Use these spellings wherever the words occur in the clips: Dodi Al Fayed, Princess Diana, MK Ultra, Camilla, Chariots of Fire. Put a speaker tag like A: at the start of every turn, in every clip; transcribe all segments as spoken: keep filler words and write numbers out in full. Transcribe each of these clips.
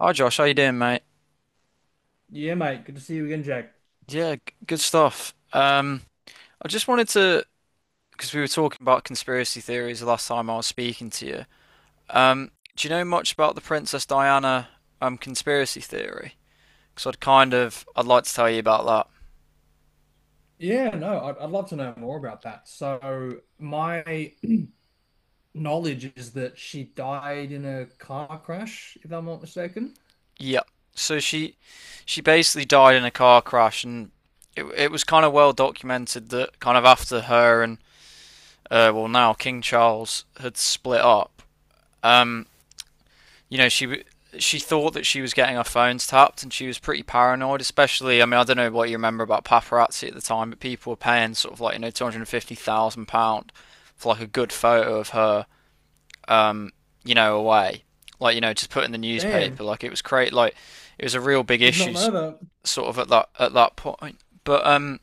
A: Hi Josh, how you doing, mate?
B: Yeah, mate. Good to see you again, Jack.
A: Yeah, g- good stuff. Um, I just wanted to, because we were talking about conspiracy theories the last time I was speaking to you. Um, do you know much about the Princess Diana um conspiracy theory? Because I'd kind of, I'd like to tell you about that.
B: Yeah, no, I'd, I'd love to know more about that. So, my knowledge is that she died in a car crash, if I'm not mistaken.
A: Yeah. So she, she basically died in a car crash, and it it was kind of well documented that kind of after her and uh, well, now King Charles had split up. Um, you know, she she thought that she was getting her phones tapped, and she was pretty paranoid. Especially, I mean, I don't know what you remember about paparazzi at the time, but people were paying sort of like you know two hundred and fifty thousand pound for like a good photo of her, um, you know, away, like you know, just put in the
B: Damn,
A: newspaper. Like it was great. Like it was a real big
B: did not
A: issue,
B: know that.
A: sort of at that at that point. But um,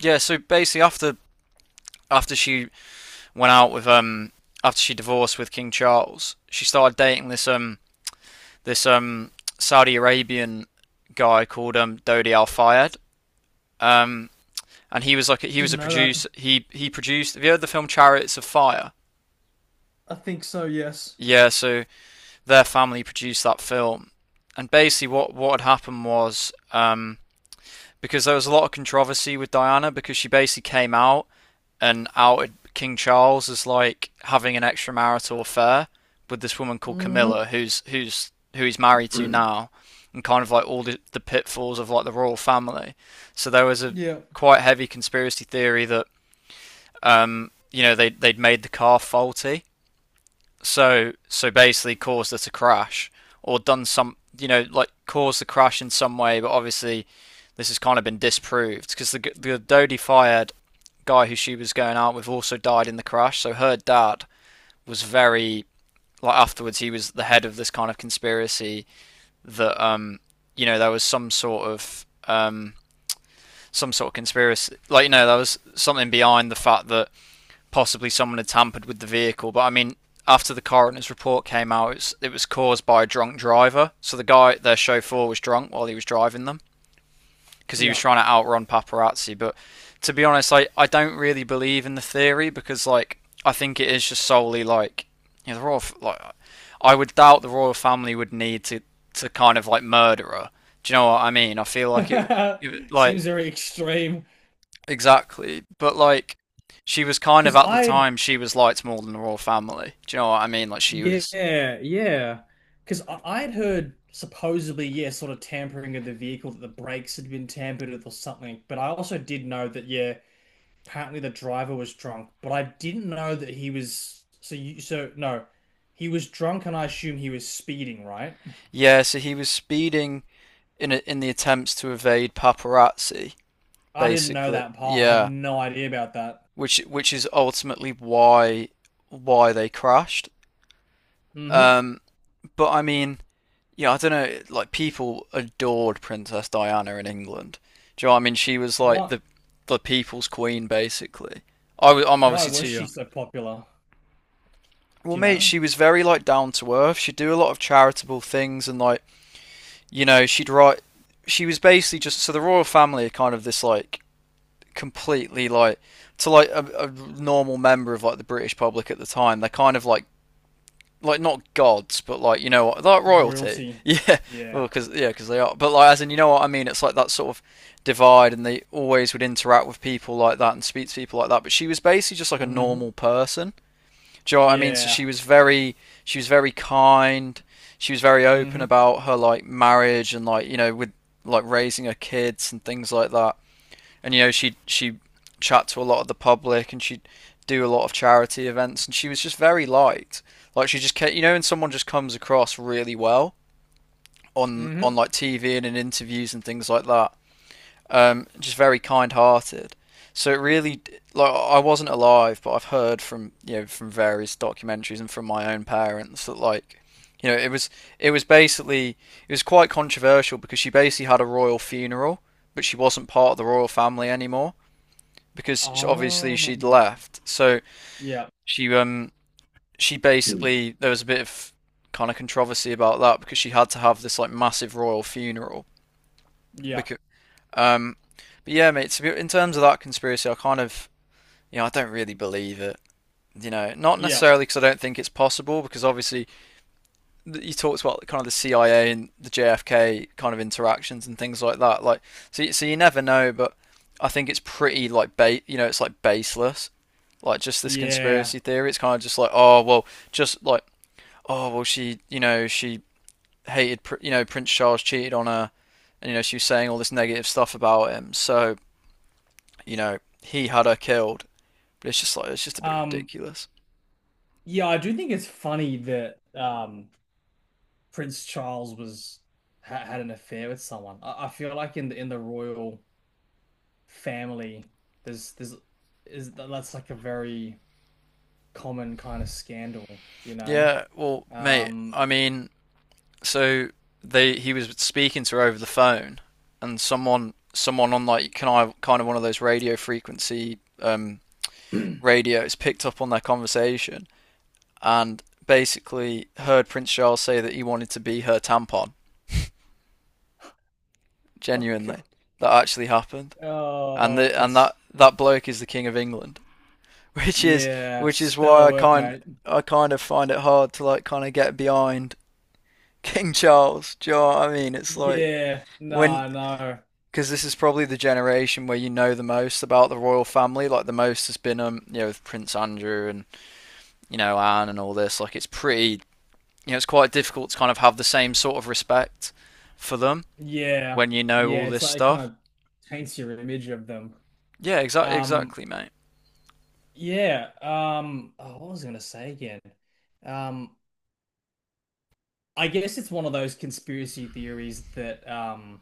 A: yeah. So basically, after after she went out with um after she divorced with King Charles, she started dating this um this um, Saudi Arabian guy called um, Dodi Al Fayed, um, and he was like he was
B: Didn't
A: a
B: know that.
A: producer. He he produced. Have you heard the film Chariots of Fire?
B: I think so, yes.
A: Yeah, so their family produced that film, and basically what what had happened was um, because there was a lot of controversy with Diana because she basically came out and outed King Charles as like having an extramarital affair with this woman called
B: Mm-hmm.
A: Camilla, who's who's who he's married to now, and kind of like all the, the pitfalls of like the royal family. So there was a
B: Yeah,
A: quite heavy conspiracy theory that um, you know they they'd made the car faulty so so basically caused her to crash, or done some you know like caused the crash in some way, but obviously this has kind of been disproved because the the Dodie fired guy who she was going out with also died in the crash. So her dad was very like afterwards he was the head of this kind of conspiracy that um you know there was some sort of um some sort of conspiracy, like you know there was something behind the fact that possibly someone had tampered with the vehicle. But I mean, after the coroner's report came out, it was, it was caused by a drunk driver. So the guy, their chauffeur, was drunk while he was driving them because he was
B: yeah.
A: trying to outrun paparazzi. But to be honest, I, I don't really believe in the theory because like I think it is just solely like you know the royal like I would doubt the royal family would need to to kind of like murder her. Do you know what I mean? I feel like it, it like
B: Seems very extreme.
A: exactly. But like she was kind of
B: Because
A: at the
B: I
A: time she was liked more than the royal family. Do you know what I mean? Like she was.
B: Yeah, yeah. Because I I'd heard supposedly, yeah, sort of tampering of the vehicle, that the brakes had been tampered with or something. But I also did know that, yeah, apparently the driver was drunk. But I didn't know that he was. So you, so no, he was drunk, and I assume he was speeding, right?
A: Yeah, so he was speeding in a, in the attempts to evade paparazzi,
B: I didn't know
A: basically.
B: that part. I had
A: Yeah.
B: no idea about that.
A: Which which is ultimately why why they crashed.
B: Hmm.
A: Um but I mean, yeah, I don't know, like people adored Princess Diana in England. Do you know what I mean? She was like
B: Why?
A: the the people's queen basically. I was, I'm
B: Why
A: obviously too
B: was she
A: young.
B: so popular?
A: Well,
B: Do you
A: mate,
B: know?
A: she was very like down to earth. She'd do a lot of charitable things, and like you know, she'd write. She was basically just so the royal family are kind of this like completely like to like a, a normal member of like the British public at the time. They're kind of like like not gods, but like you know what, like royalty.
B: Royalty.
A: Yeah, well,
B: Yeah.
A: because yeah, cause they are. But like as in you know what I mean. It's like that sort of divide, and they always would interact with people like that and speak to people like that. But she was basically just like a
B: Hmm.
A: normal person. Do you know what I mean? So
B: Yeah.
A: she was very, she was very kind. She was very open
B: Hmm.
A: about her like marriage and like you know with like raising her kids and things like that. And you know she she chat to a lot of the public, and she'd do a lot of charity events, and she was just very liked. Like she just kept, you know, and someone just comes across really well on on
B: Hmm.
A: like T V and in interviews and things like that, um, just very kind-hearted. So it really, like, I wasn't alive, but I've heard from you know from various documentaries and from my own parents that like, you know, it was it was basically it was quite controversial because she basically had a royal funeral, but she wasn't part of the royal family anymore because obviously
B: Oh,
A: she'd left. So
B: yeah.
A: she um she
B: Mm.
A: basically there was a bit of kind of controversy about that because she had to have this like massive royal funeral
B: Yeah,
A: because um, but yeah, mate. So in terms of that conspiracy, I kind of, you know, I don't really believe it. You know, not
B: yeah,
A: necessarily because I don't think it's possible. Because obviously, you talked about kind of the C I A and the J F K kind of interactions and things like that. Like, so you- so you never know, but I think it's pretty like ba- you know, it's like baseless. Like just this
B: yeah.
A: conspiracy theory. It's kind of just like, oh well, just like, oh well, she, you know, she hated, you know, Prince Charles cheated on her, and you know, she was saying all this negative stuff about him. So you know, he had her killed. But it's just like it's just a bit
B: Um,
A: ridiculous.
B: yeah, I do think it's funny that um Prince Charles was ha had an affair with someone. I, I feel like in the in the royal family, there's there's is that's like a very common kind of scandal, you know?
A: Yeah, well, mate,
B: Um,
A: I mean, so they he was speaking to her over the phone, and someone someone on like can I kind of one of those radio frequency um, radios picked up on their conversation and basically heard Prince Charles say that he wanted to be her tampon.
B: oh God,
A: Genuinely, that actually happened, and
B: oh,
A: the, and
B: that's
A: that that bloke is the king of England. which is
B: yeah,
A: which is why
B: stellar
A: I
B: work,
A: kind
B: mate.
A: I kind of find it hard to like kind of get behind King Charles. Do you know what I mean? It's like
B: Yeah,
A: when,
B: no, no.
A: because this is probably the generation where you know the most about the royal family. Like the most has been um you know with Prince Andrew and you know Anne and all this. Like it's pretty you know it's quite difficult to kind of have the same sort of respect for them
B: Yeah.
A: when you know all
B: Yeah, it's
A: this
B: like it
A: stuff.
B: kind of taints your image of them.
A: Yeah, exactly,
B: Um,
A: exactly, mate.
B: yeah. Um, oh, what was I gonna say again? Um, I guess it's one of those conspiracy theories that um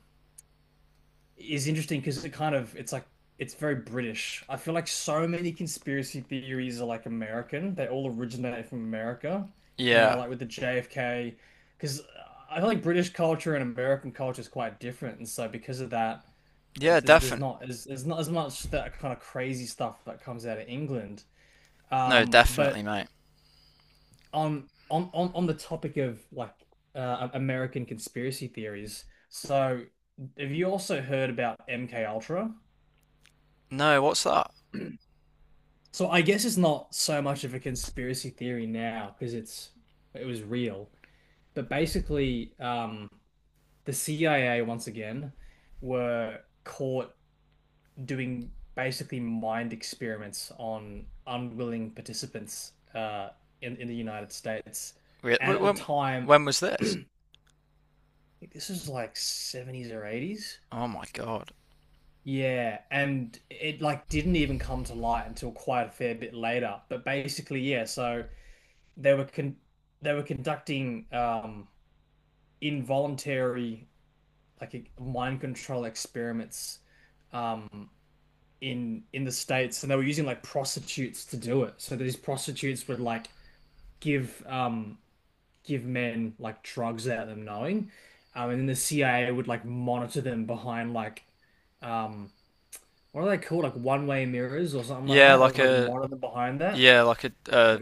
B: is interesting because it kind of it's like it's very British. I feel like so many conspiracy theories are like American. They all originate from America. You know,
A: Yeah,
B: like with the J F K, because I feel like British culture and American culture is quite different, and so because of that,
A: yeah,
B: it, there's there's
A: definitely.
B: not as there's not as much that kind of crazy stuff that comes out of England.
A: No,
B: Um,
A: definitely,
B: but
A: mate.
B: on on on on the topic of like uh, American conspiracy theories, so have you also heard about M K Ultra?
A: No, what's that?
B: So I guess it's not so much of a conspiracy theory now because it's it was real. But basically, um, the C I A once again were caught doing basically mind experiments on unwilling participants uh, in in the United States.
A: Re-
B: And
A: wh-
B: at the
A: When
B: time,
A: when was this?
B: I think this was like seventies or eighties.
A: Oh my God.
B: Yeah, and it like didn't even come to light until quite a fair bit later. But basically, yeah, so. they were con they were conducting um involuntary like e- mind control experiments um in in the States, and they were using like prostitutes to do it. So these prostitutes would like give um give men like drugs without them knowing. Um and then the C I A would like monitor them behind like um what are they called? Like one-way mirrors or something like
A: Yeah,
B: that. They would
A: like
B: like
A: a
B: monitor them behind that.
A: yeah, like a uh,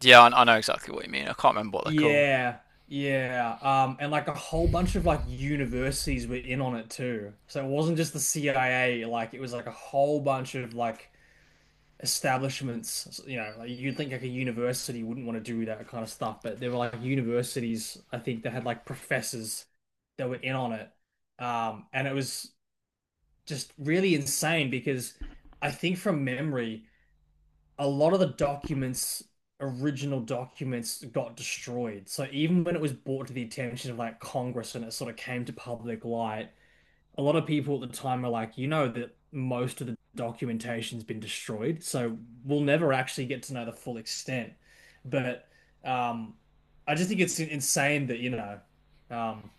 A: yeah. I, I know exactly what you mean. I can't remember what they're called.
B: Yeah, yeah. Um, and like a whole bunch of like universities were in on it too. So it wasn't just the C I A, like it was like a whole bunch of like establishments. You know, like you'd think like a university wouldn't want to do that kind of stuff, but there were like universities, I think, that had like professors that were in on it. Um, and it was just really insane because I think from memory a lot of the documents, original documents, got destroyed. So even when it was brought to the attention of like Congress and it sort of came to public light, a lot of people at the time were like, you know, that most of the documentation's been destroyed, so we'll never actually get to know the full extent. But um, I just think it's insane that, you know, um,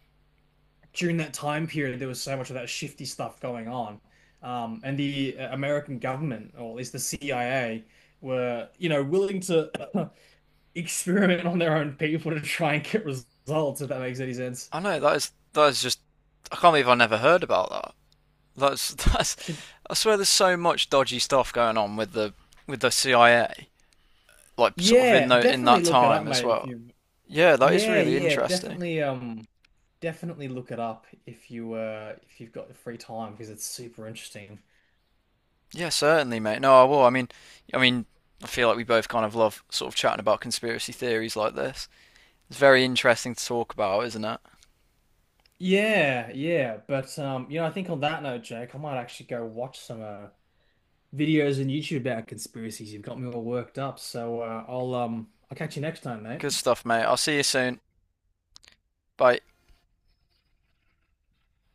B: during that time period, there was so much of that shifty stuff going on. Um, and the uh, American government, or at least the C I A, were, you know, willing to experiment on their own people to try and get results, if that makes any sense.
A: I know that is that is just. I can't believe I never heard about that. That's that's.
B: Should,
A: I swear, there's so much dodgy stuff going on with the with the C I A, like sort of in
B: yeah,
A: the in
B: definitely
A: that
B: look it up,
A: time as
B: mate, if
A: well.
B: you
A: Yeah, that is
B: yeah,
A: really
B: yeah,
A: interesting.
B: definitely um definitely look it up if you uh if you've got the free time because it's super interesting.
A: Yeah, certainly, mate. No, I will. I mean, I mean, I feel like we both kind of love sort of chatting about conspiracy theories like this. It's very interesting to talk about, isn't it?
B: Yeah, yeah, but um you know, I think on that note, Jake, I might actually go watch some uh videos and YouTube about conspiracies. You've got me all worked up. So uh, I'll um I'll catch you next time, mate.
A: Good stuff, mate. I'll see you soon. Bye.